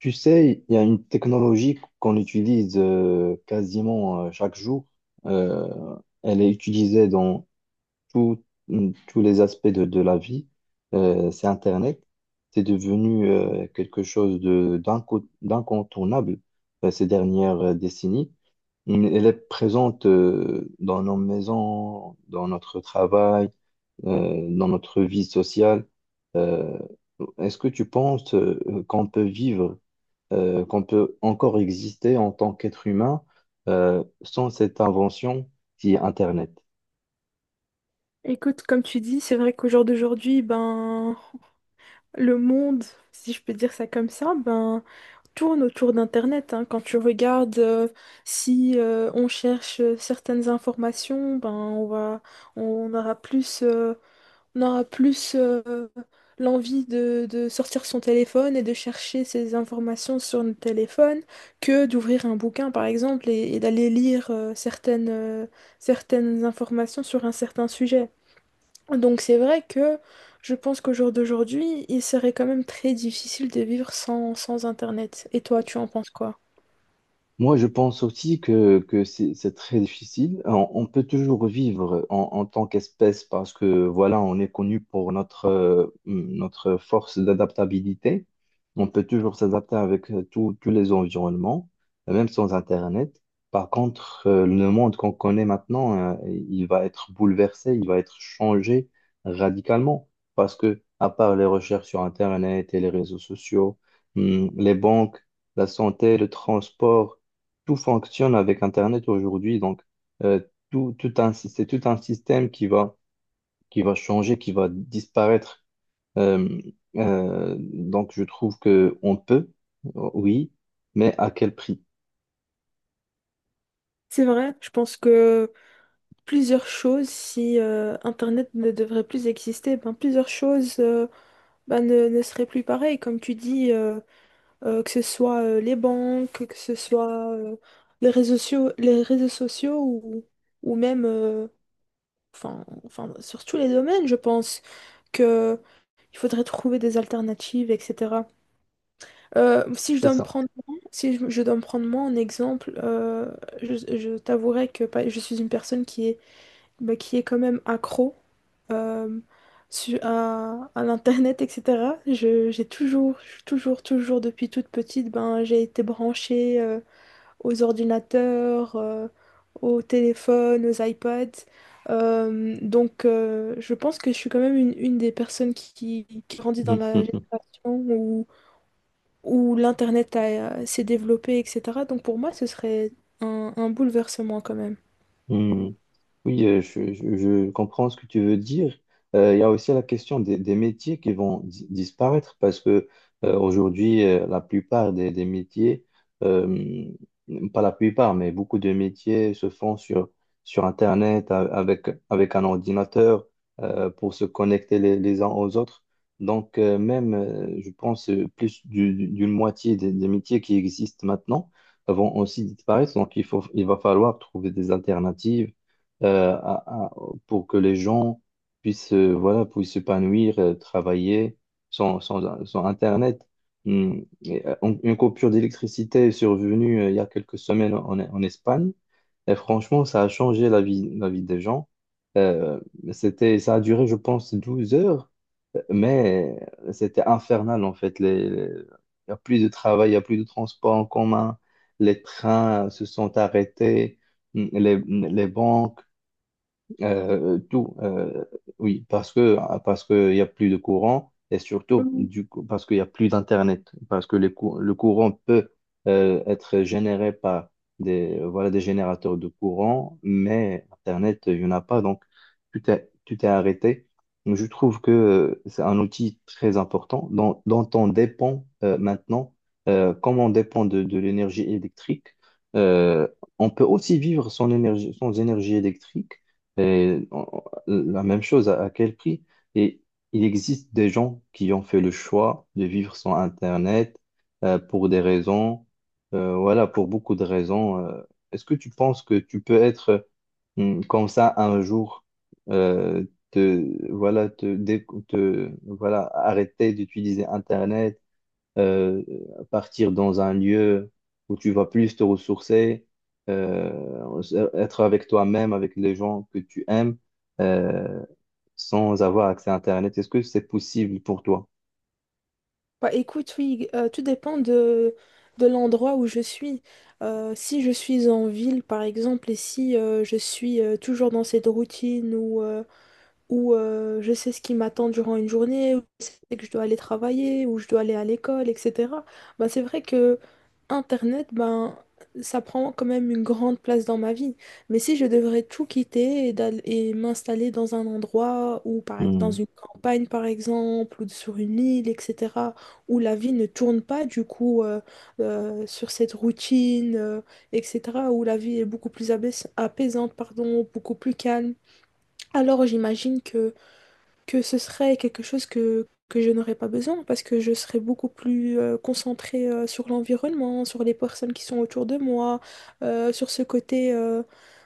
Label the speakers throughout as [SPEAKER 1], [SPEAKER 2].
[SPEAKER 1] Tu sais, il y a une technologie qu'on utilise quasiment chaque jour. Euh, Elle est utilisée dans tout- tous les aspects de la vie. C'est Internet. C'est devenu quelque chose d'incontournable ces dernières décennies. Elle est présente dans nos maisons, dans notre travail, dans notre vie sociale. Euh, Est-ce que tu penses qu'on peut vivre qu'on peut encore exister en tant qu'être humain sans cette invention qui est Internet.
[SPEAKER 2] Écoute, comme tu dis, c'est vrai qu'au jour d'aujourd'hui, le monde, si je peux dire ça comme ça, ben, tourne autour d'Internet, hein. Quand tu regardes, si on cherche certaines informations, ben, on va, on aura plus, euh, on aura plus l'envie de sortir son téléphone et de chercher ces informations sur notre téléphone que d'ouvrir un bouquin, par exemple, et d'aller lire certaines informations sur un certain sujet. Donc c'est vrai que je pense qu'au jour d'aujourd'hui, il serait quand même très difficile de vivre sans Internet. Et toi, tu en penses quoi?
[SPEAKER 1] Moi, je pense aussi que c'est très difficile. On peut toujours vivre en tant qu'espèce parce que, voilà, on est connu pour notre, notre force d'adaptabilité. On peut toujours s'adapter avec tous les environnements, même sans Internet. Par contre, le monde qu'on connaît maintenant, il va être bouleversé, il va être changé radicalement parce que, à part les recherches sur Internet et les réseaux sociaux, les banques, la santé, le transport, tout fonctionne avec Internet aujourd'hui. Donc, euh, c'est tout un système qui va changer, qui va disparaître. Euh, donc, je trouve que on peut, oui, mais à quel prix?
[SPEAKER 2] C'est vrai, je pense que plusieurs choses, si Internet ne devrait plus exister, ben, plusieurs choses ben, ne seraient plus pareilles. Comme tu dis, que ce soit les banques, que ce soit les réseaux sociaux, ou même, enfin, sur tous les domaines, je pense que il faudrait trouver des alternatives, etc. Si je
[SPEAKER 1] C'est
[SPEAKER 2] dois me
[SPEAKER 1] ça.
[SPEAKER 2] prendre, si je dois me prendre moi en exemple, je t'avouerai que je suis une personne qui est, bah, qui est quand même accro euh, à l'internet, etc. J'ai toujours, toujours, toujours depuis toute petite, ben, j'ai été branchée aux ordinateurs, aux téléphones, aux iPads. Donc, je pense que je suis quand même une des personnes qui grandit dans la génération où, où l'Internet s'est développé, etc. Donc, pour moi, ce serait un bouleversement quand même.
[SPEAKER 1] Oui, je comprends ce que tu veux dire. Il y a aussi la question des métiers qui vont disparaître parce que aujourd'hui, la plupart des métiers, euh, pas la plupart, mais beaucoup de métiers se font sur, sur Internet avec, avec un ordinateur pour se connecter les uns aux autres. Donc, même, je pense, d'une moitié des métiers qui existent maintenant vont aussi disparaître. Donc, il faut, il va falloir trouver des alternatives euh, à- à- pour que les gens puissent voilà puissent s'épanouir, travailler sans Internet. Hmm. Et, une coupure d'électricité est survenue il y a quelques semaines en Espagne. Et franchement, ça a changé la vie des gens. Euh, C'était, ça a duré, je pense, 12 heures, mais c'était infernal en fait. Il n'y a plus de travail, il n'y a plus de transport en commun, les trains se sont arrêtés. Hmm. Les banques. Tout, oui, parce que il y a plus de courant et surtout
[SPEAKER 2] Mm.
[SPEAKER 1] du coup, parce qu'il y a plus d'internet, parce que le courant peut être généré par des voilà des générateurs de courant, mais internet il n'y en a pas donc tout est arrêté. Donc, je trouve que c'est un outil très important dont, dont on dépend maintenant, comme on dépend de l'énergie électrique. euh, on peut aussi vivre sans énergie, sans énergie électrique. Et la même chose, à quel prix? Et il existe des gens qui ont fait le choix de vivre sans Internet pour des raisons, voilà, pour beaucoup de raisons. Est-ce que tu penses que tu peux être comme ça un jour, euh, te, voilà, te, dé- te- voilà, arrêter d'utiliser Internet, euh, partir dans un lieu où tu vas plus te ressourcer, euh, être avec toi-même, avec les gens que tu aimes, euh, sans avoir accès à Internet. Est-ce que c'est possible pour toi?
[SPEAKER 2] Bah, écoute, oui, tout dépend de l'endroit où je suis. Si je suis en ville, par exemple, et si je suis toujours dans cette routine où je sais ce qui m'attend durant une journée, où je sais que je dois aller travailler, où je dois aller à l'école, etc. Ben, c'est vrai que Internet, ben, ça prend quand même une grande place dans ma vie. Mais si je devrais tout quitter et m'installer dans un endroit ou dans
[SPEAKER 1] Mhm.
[SPEAKER 2] une campagne, par exemple, ou sur une île, etc., où la vie ne tourne pas du coup sur cette routine, etc., où la vie est beaucoup plus apaisante, pardon, beaucoup plus calme. Alors j'imagine que ce serait quelque chose que je n'aurais pas besoin parce que je serais beaucoup plus concentrée sur l'environnement, sur les personnes qui sont autour de moi, sur ce côté,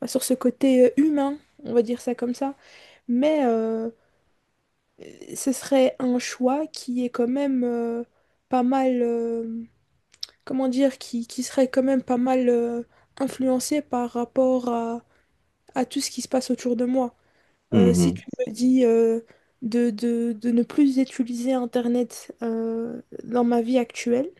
[SPEAKER 2] bah, sur ce côté humain, on va dire ça comme ça. Mais ce serait un choix qui est quand même pas mal, comment dire, qui serait quand même pas mal influencé par rapport à tout ce qui se passe autour de moi. Si
[SPEAKER 1] Mhm.
[SPEAKER 2] tu me dis de ne plus utiliser Internet dans ma vie actuelle,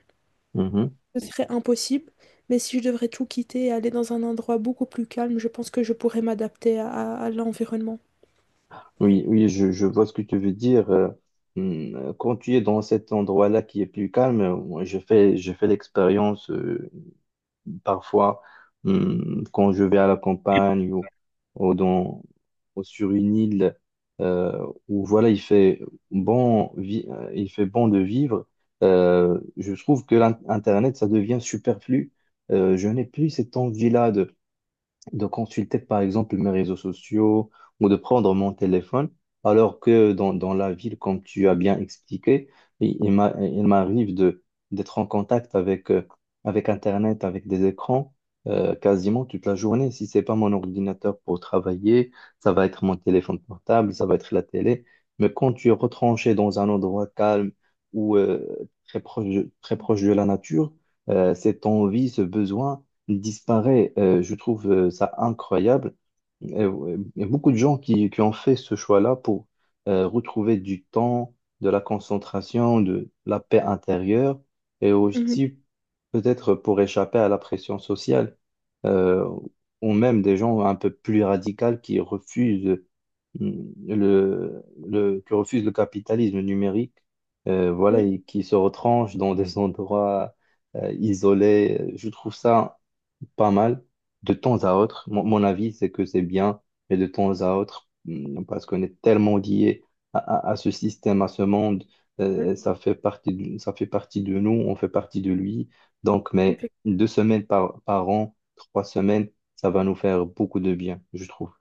[SPEAKER 1] Mhm.
[SPEAKER 2] ce serait impossible. Mais si je devrais tout quitter et aller dans un endroit beaucoup plus calme, je pense que je pourrais m'adapter à, à l'environnement.
[SPEAKER 1] Oui, oui, je vois ce que tu veux dire. Quand tu es dans cet endroit-là qui est plus calme, moi, je fais l'expérience parfois quand je vais à la campagne ou dans, ou sur une île où voilà, il fait il fait bon de vivre. Je trouve que Internet, ça devient superflu. Je n'ai plus cette envie-là de consulter par exemple mes réseaux sociaux ou de prendre mon téléphone, alors que dans la ville, comme tu as bien expliqué, il m'arrive d'être en contact avec, avec Internet, avec des écrans, quasiment toute la journée. Si c'est pas mon ordinateur pour travailler, ça va être mon téléphone portable, ça va être la télé. Mais quand tu es retranché dans un endroit calme ou très proche, très proche de la nature, cette envie, ce besoin, disparaît. Je trouve ça incroyable. Ouais, il y a beaucoup de gens qui ont fait ce choix-là pour retrouver du temps, de la concentration, de la paix intérieure et
[SPEAKER 2] Mhm.
[SPEAKER 1] aussi peut-être pour échapper à la pression sociale. Euh, ou même des gens un peu plus radicaux qui refusent mm, qui refusent le capitalisme numérique. Voilà,
[SPEAKER 2] Oui,
[SPEAKER 1] et qui se retranchent dans des endroits isolés. Je trouve ça pas mal. De temps à autre, mon avis, c'est que c'est bien, mais de temps à autre, hmm, parce qu'on est tellement lié à ce système, à ce monde,
[SPEAKER 2] ouais,
[SPEAKER 1] ça fait partie de, ça fait partie de nous, on fait partie de lui. Donc, mais
[SPEAKER 2] effectivement.
[SPEAKER 1] deux semaines par an, trois semaines, ça va nous faire beaucoup de bien, je trouve.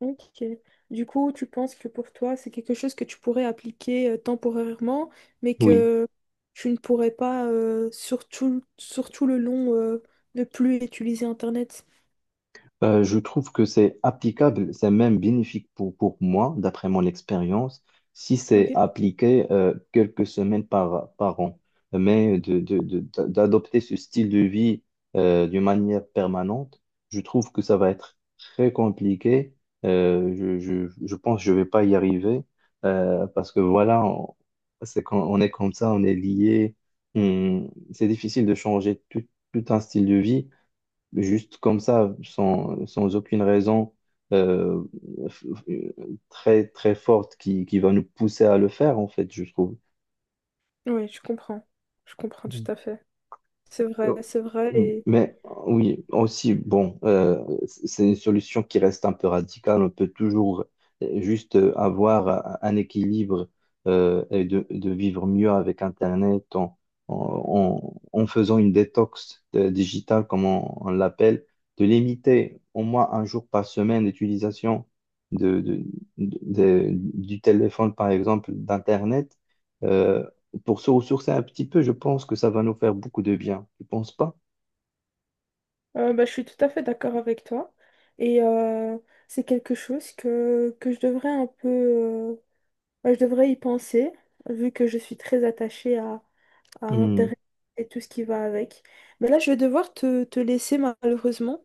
[SPEAKER 2] Ok. Du coup, tu penses que pour toi, c'est quelque chose que tu pourrais appliquer temporairement, mais
[SPEAKER 1] Oui.
[SPEAKER 2] que tu ne pourrais pas, surtout le long, ne plus utiliser Internet.
[SPEAKER 1] Je trouve que c'est applicable, c'est même bénéfique pour moi, d'après mon expérience, si c'est
[SPEAKER 2] Ok.
[SPEAKER 1] appliqué quelques semaines par an. Mais d'adopter ce style de vie d'une manière permanente, je trouve que ça va être très compliqué. Je pense que je vais pas y arriver parce que voilà, c'est quand on est comme ça, on est lié. C'est difficile de changer tout, tout un style de vie juste comme ça, sans aucune raison euh, f- f- très forte qui va nous pousser à le faire, en fait, je trouve.
[SPEAKER 2] Oui, je comprends. Je comprends tout à fait. C'est vrai,
[SPEAKER 1] Euh,
[SPEAKER 2] c'est vrai. Et
[SPEAKER 1] Mais oui, aussi, bon, c'est une solution qui reste un peu radicale. On peut toujours juste avoir un équilibre et de vivre mieux avec Internet en faisant une détox digitale, comme on l'appelle, de limiter au moins un jour par semaine l'utilisation de, de- du téléphone, par exemple, d'Internet. euh, pour se ressourcer un petit peu, je pense que ça va nous faire beaucoup de bien. Tu penses pas?
[SPEAKER 2] bah, je suis tout à fait d'accord avec toi. Et c'est quelque chose que je devrais un peu... bah, je devrais y penser, vu que je suis très attachée à
[SPEAKER 1] Hmm,
[SPEAKER 2] Internet et tout ce qui va avec. Mais là, je vais devoir te, te laisser malheureusement.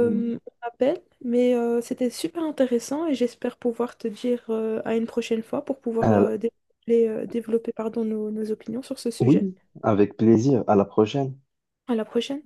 [SPEAKER 1] hmm.
[SPEAKER 2] On m'appelle, mais c'était super intéressant et j'espère pouvoir te dire à une prochaine fois pour pouvoir
[SPEAKER 1] À la-
[SPEAKER 2] développer, pardon, nos opinions sur ce sujet.
[SPEAKER 1] oui, avec plaisir. À la prochaine.
[SPEAKER 2] À la prochaine.